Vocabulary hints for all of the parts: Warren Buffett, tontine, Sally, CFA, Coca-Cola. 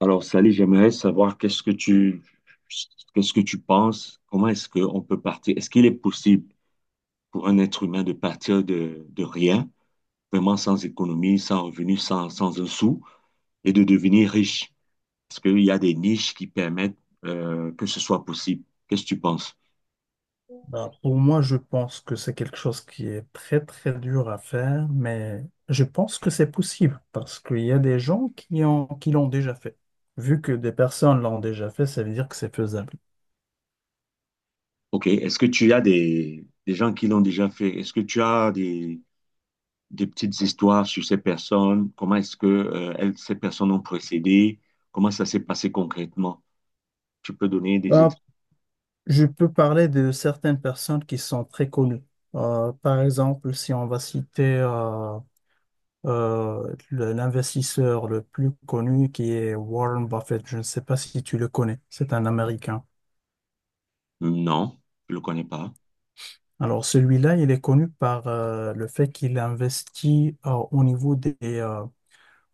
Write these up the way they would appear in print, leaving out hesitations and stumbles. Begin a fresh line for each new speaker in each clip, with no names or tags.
Alors, Sally, j'aimerais savoir qu'est-ce que tu penses? Comment est-ce qu'on peut partir? Est-ce qu'il est possible pour un être humain de partir de rien, vraiment sans économie, sans revenu, sans un sou, et de devenir riche? Est-ce qu'il y a des niches qui permettent que ce soit possible? Qu'est-ce que tu penses?
Ben, pour moi, je pense que c'est quelque chose qui est très, très dur à faire, mais je pense que c'est possible parce qu'il y a des gens qui l'ont déjà fait. Vu que des personnes l'ont déjà fait, ça veut dire que c'est faisable.
OK. Est-ce que tu as des gens qui l'ont déjà fait? Est-ce que tu as des petites histoires sur ces personnes? Comment est-ce que ces personnes ont procédé? Comment ça s'est passé concrètement? Tu peux donner des
Ben,
exemples?
je peux parler de certaines personnes qui sont très connues. Par exemple, si on va citer l'investisseur le plus connu qui est Warren Buffett, je ne sais pas si tu le connais, c'est un Américain.
Non, je ne le connais pas.
Alors celui-là, il est connu par le fait qu'il investit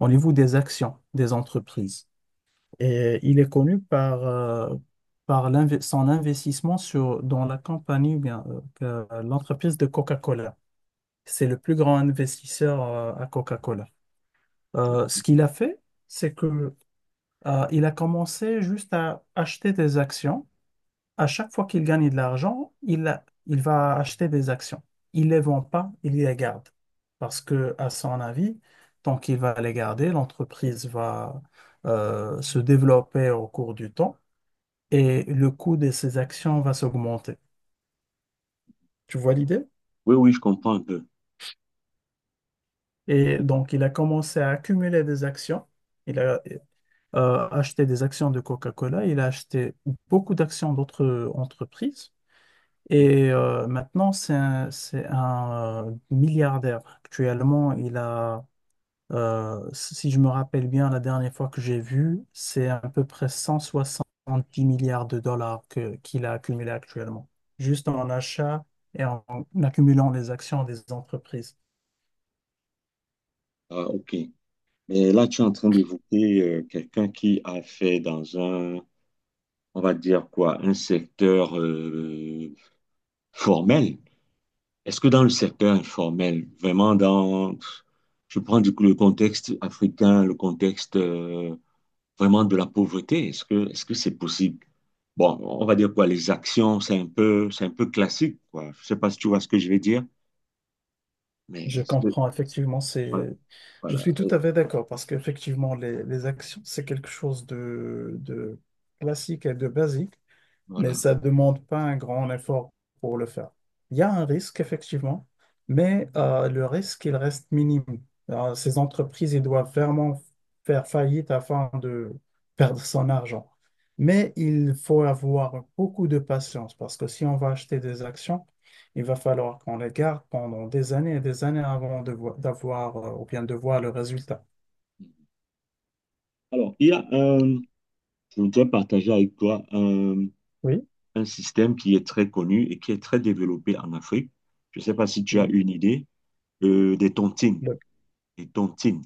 au niveau des actions des entreprises. Et il est connu par son investissement dans la compagnie, ou bien, l'entreprise de Coca-Cola. C'est le plus grand investisseur à Coca-Cola. Ce qu'il a fait, c'est que il a commencé juste à acheter des actions à chaque fois qu'il gagne de l'argent, il il va acheter des actions. Il les vend pas, il les garde. Parce que, à son avis, tant qu'il va les garder, l'entreprise va se développer au cours du temps et le coût de ses actions va s'augmenter. Tu vois l'idée?
Oui, oui, je comprends un peu.
Et donc, il a commencé à accumuler des actions. Il a acheté des actions de Coca-Cola, il a acheté beaucoup d'actions d'autres entreprises. Et maintenant, c'est un milliardaire. Actuellement, il a, si je me rappelle bien, la dernière fois que j'ai vu, c'est à peu près 170 milliards de dollars qu'il a accumulé actuellement, juste en achat et en accumulant les actions des entreprises.
Ah, ok. Mais là, tu es en train d'évoquer quelqu'un qui a fait dans un, on va dire quoi, un secteur formel. Est-ce que dans le secteur informel, vraiment dans, je prends du coup le contexte africain, le contexte vraiment de la pauvreté, est-ce que c'est possible? Bon, on va dire quoi, les actions, c'est un peu classique, quoi. Je sais pas si tu vois ce que je vais dire, mais
Je comprends, effectivement,
voilà.
c'est, je
Voilà.
suis tout
euh,
à fait d'accord parce qu'effectivement, les actions, c'est quelque chose de classique et de basique. Mais
Voilà.
ça ne demande pas un grand effort pour le faire. Il y a un risque, effectivement, mais le risque, il reste minime. Alors, ces entreprises, ils doivent vraiment faire faillite afin de perdre son argent. Mais il faut avoir beaucoup de patience parce que si on va acheter des actions, il va falloir qu'on les garde pendant des années et des années avant d'avoir ou bien de voir le résultat.
Alors, il y a un, je voudrais partager avec toi
Oui,
un système qui est très connu et qui est très développé en Afrique. Je ne sais pas si tu as
oui.
une idée, des tontines.
Le-
Les tontines,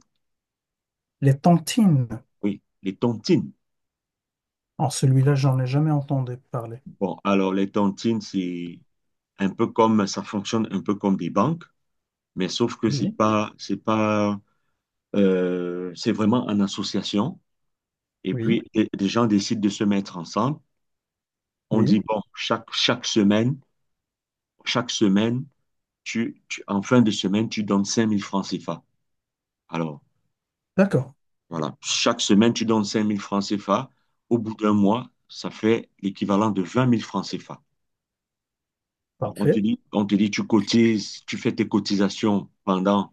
les tantines,
oui, les tontines.
en celui-là, j'en ai jamais entendu parler.
Bon, alors les tontines, c'est un peu comme, ça fonctionne un peu comme des banques, mais sauf que c'est
Oui,
pas, c'est pas, c'est vraiment en association. Et
oui.
puis, des gens décident de se mettre ensemble. On dit,
Oui,
bon, chaque semaine, en fin de semaine, tu donnes 5 000 francs CFA. Alors,
d'accord,
voilà, chaque semaine, tu donnes 5000 francs CFA. Au bout d'un mois, ça fait l'équivalent de 20 000 francs CFA. Alors, on te
parfait,
dit, on te dit, tu cotises, tu fais tes cotisations pendant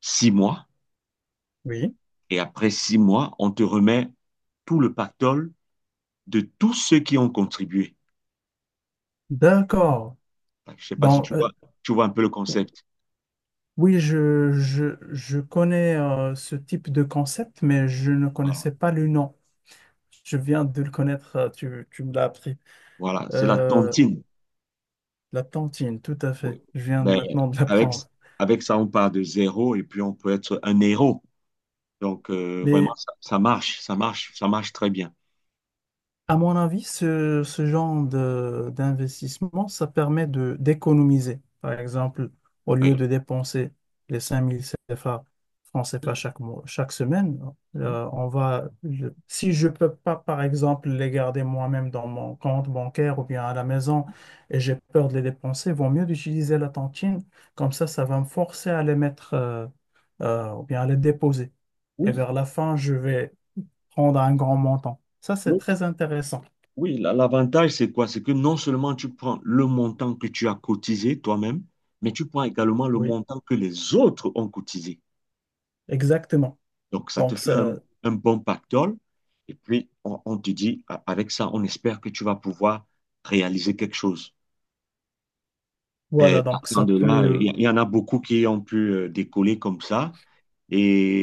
6 mois,
oui,
et après 6 mois, on te remet tout le pactole de tous ceux qui ont contribué.
d'accord.
Je ne sais pas si
Donc,
tu vois, tu vois un peu le concept.
oui, je connais ce type de concept, mais je ne
Voilà,
connaissais pas le nom. Je viens de le connaître, tu me l'as appris.
voilà, c'est la
Euh,
tontine.
la tantine, tout à fait,
Ouais.
je viens
Ben,
maintenant de
avec,
l'apprendre.
avec ça, on part de zéro et puis on peut être un héros. Donc, vraiment,
Mais
ça marche, ça marche, ça marche très bien.
à mon avis, ce genre d'investissement, ça permet de d'économiser. Par exemple, au
Oui.
lieu de dépenser les 5000 CFA, francs CFA chaque mois, chaque semaine,
Mhm.
si je peux pas, par exemple, les garder moi-même dans mon compte bancaire ou bien à la maison et j'ai peur de les dépenser, vaut mieux d'utiliser la tontine. Comme ça va me forcer à les mettre ou bien à les déposer. Et
Oui,
vers la fin, je vais prendre un grand montant. Ça, c'est
l'autre-
très intéressant.
oui, l'avantage, c'est quoi? C'est que non seulement tu prends le montant que tu as cotisé toi-même, mais tu prends également le
Oui,
montant que les autres ont cotisé.
exactement.
Donc, ça te
Donc
fait
ça,
un bon pactole. Et puis, on te dit, avec ça, on espère que tu vas pouvoir réaliser quelque chose. Mais
voilà, donc
partant
ça
de là, il y,
peut,
il y en a beaucoup qui ont pu décoller comme ça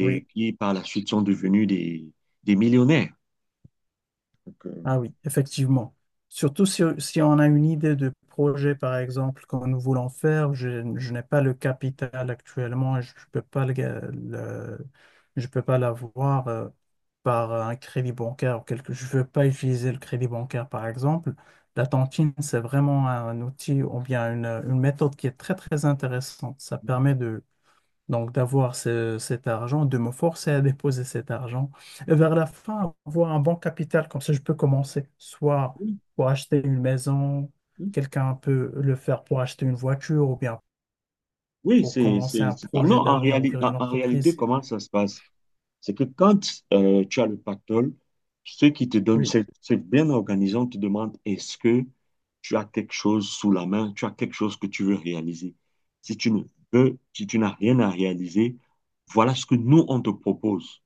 oui,
qui, par la suite, sont devenus des millionnaires. Donc,
ah oui, effectivement. Surtout si, si on a une idée de projet, par exemple, que nous voulons faire, je n'ai pas le capital actuellement et je peux pas le, je peux pas l'avoir par un crédit bancaire ou quelque, je veux pas utiliser le crédit bancaire, par exemple. La tontine, c'est vraiment un outil ou bien une méthode qui est très, très intéressante. Ça permet donc d'avoir cet argent, de me forcer à déposer cet argent. Et vers la fin, avoir un bon capital, comme ça, je peux commencer. Soit
oui,
pour acheter une maison,
oui.
quelqu'un peut le faire pour acheter une voiture ou bien
Oui,
pour commencer un
c'est pas- non,
projet
en
d'avenir,
réalité,
ouvrir
en,
une
en réalité,
entreprise.
comment ça se passe? C'est que quand tu as le pactole, ceux qui te donnent,
Oui,
c'est bien organisé, on te demande est-ce que tu as quelque chose sous la main, tu as quelque chose que tu veux réaliser. Si tu ne veux, si tu n'as rien à réaliser, voilà ce que nous, on te propose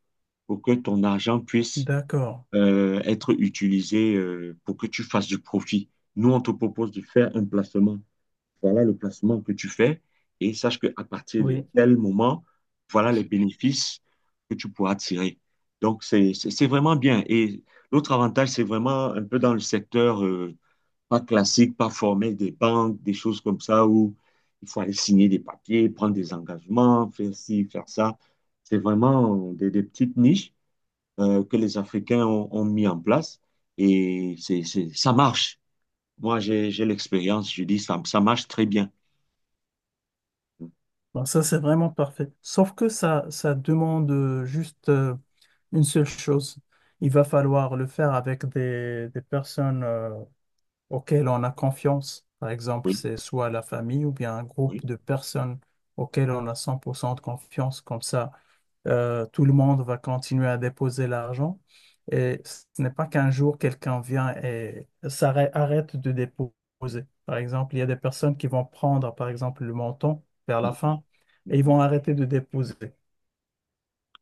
pour que ton argent puisse
d'accord.
être utilisé pour que tu fasses du profit. Nous, on te propose de faire un placement. Voilà le placement que tu fais et sache qu'à partir de
Oui.
tel moment, voilà les bénéfices que tu pourras tirer. Donc, c'est vraiment bien. Et l'autre avantage, c'est vraiment un peu dans le secteur pas classique, pas formel des banques, des choses comme ça où il faut aller signer des papiers, prendre des engagements, faire ci, faire ça. C'est vraiment des petites niches que les Africains ont mis en place et ça marche. Moi, j'ai l'expérience, je dis, ça marche très bien.
Donc, ça, c'est vraiment parfait. Sauf que ça demande juste une seule chose. Il va falloir le faire avec des personnes auquel on a confiance. Par exemple,
Oui,
c'est soit la famille ou bien un groupe
oui.
de personnes auquel on a 100% de confiance. Comme ça, tout le monde va continuer à déposer l'argent. Et ce n'est pas qu'un jour quelqu'un vient et arrête de déposer. Par exemple, il y a des personnes qui vont prendre, par exemple, le montant vers la
Mhm,
fin et ils
mhm.
vont arrêter de déposer.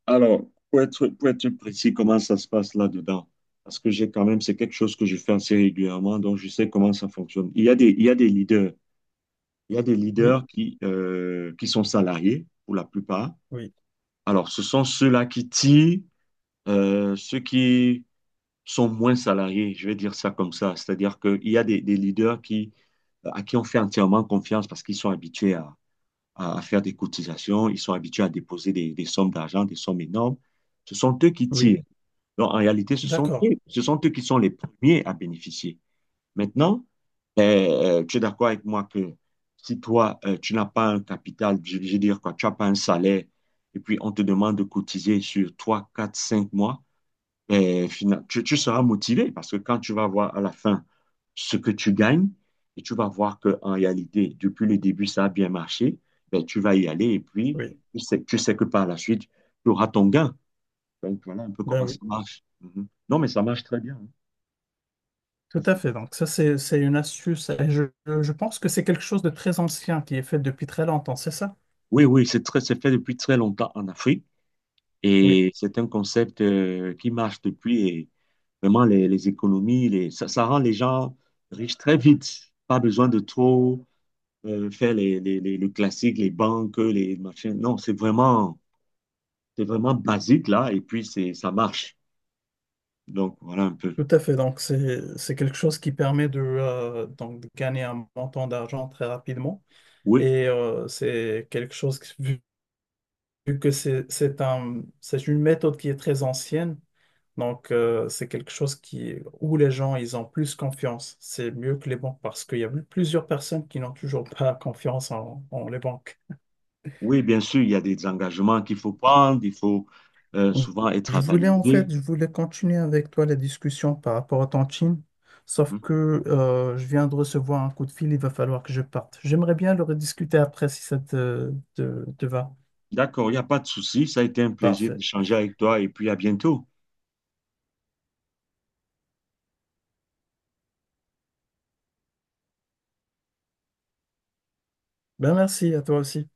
Alors, pour être précis, comment ça se passe là-dedans? Parce que j'ai quand même, c'est quelque chose que je fais assez régulièrement, donc je sais comment ça fonctionne. Il y a des leaders, il y a des
Oui,
leaders qui sont salariés pour la plupart.
oui.
Alors, ce sont ceux-là qui tirent, ceux qui sont moins salariés, je vais dire ça comme ça. C'est-à-dire qu'il y a des leaders qui, à qui on fait entièrement confiance parce qu'ils sont habitués à faire des cotisations, ils sont habitués à déposer des sommes d'argent, des sommes énormes. Ce sont eux qui
Oui,
tirent. Donc, en réalité, ce sont
d'accord.
eux, ce sont eux qui sont les premiers à bénéficier. Maintenant, tu es d'accord avec moi que si toi, tu n'as pas un capital, je veux dire quoi, tu n'as pas un salaire, et puis on te demande de cotiser sur 3, 4, 5 mois, et tu seras motivé parce que quand tu vas voir à la fin ce que tu gagnes et tu vas voir qu'en réalité, depuis le début, ça a bien marché, ben, tu vas y aller et puis
Oui.
tu sais que par la suite, tu auras ton gain. Donc voilà un peu
Ben
comment
oui.
ça marche. Mhm. Non, mais ça marche très bien, hein. Ça,
Tout à
c'est-
fait. Donc ça, c'est une astuce. Et je pense que c'est quelque chose de très ancien qui est fait depuis très longtemps, c'est ça?
Oui, oui, c'est très, c'est fait depuis très longtemps en Afrique
Oui,
et c'est un concept qui marche depuis et vraiment les économies, ça, ça rend les gens riches très vite. Pas besoin de trop faire le classique, les banques, les machins. Non, c'est vraiment basique là, et puis ça marche. Donc voilà un peu.
tout à fait. Donc c'est quelque chose qui permet de, donc, de gagner un montant d'argent très rapidement.
Oui,
Et c'est quelque chose vu, vu que c'est une méthode qui est très ancienne, donc c'est quelque chose qui, où les gens, ils ont plus confiance. C'est mieux que les banques parce qu'il y a plusieurs personnes qui n'ont toujours pas confiance en les banques.
oui, bien sûr, il y a des engagements qu'il faut prendre, il faut souvent être
Je voulais en
avalisé.
fait, je voulais continuer avec toi la discussion par rapport à ton team, sauf
Mhm.
que je viens de recevoir un coup de fil, il va falloir que je parte. J'aimerais bien le rediscuter après si ça te va.
D'accord, il n'y a pas de souci. Ça a été un plaisir
Parfait.
d'échanger avec toi, et puis à bientôt.
Ben merci à toi aussi.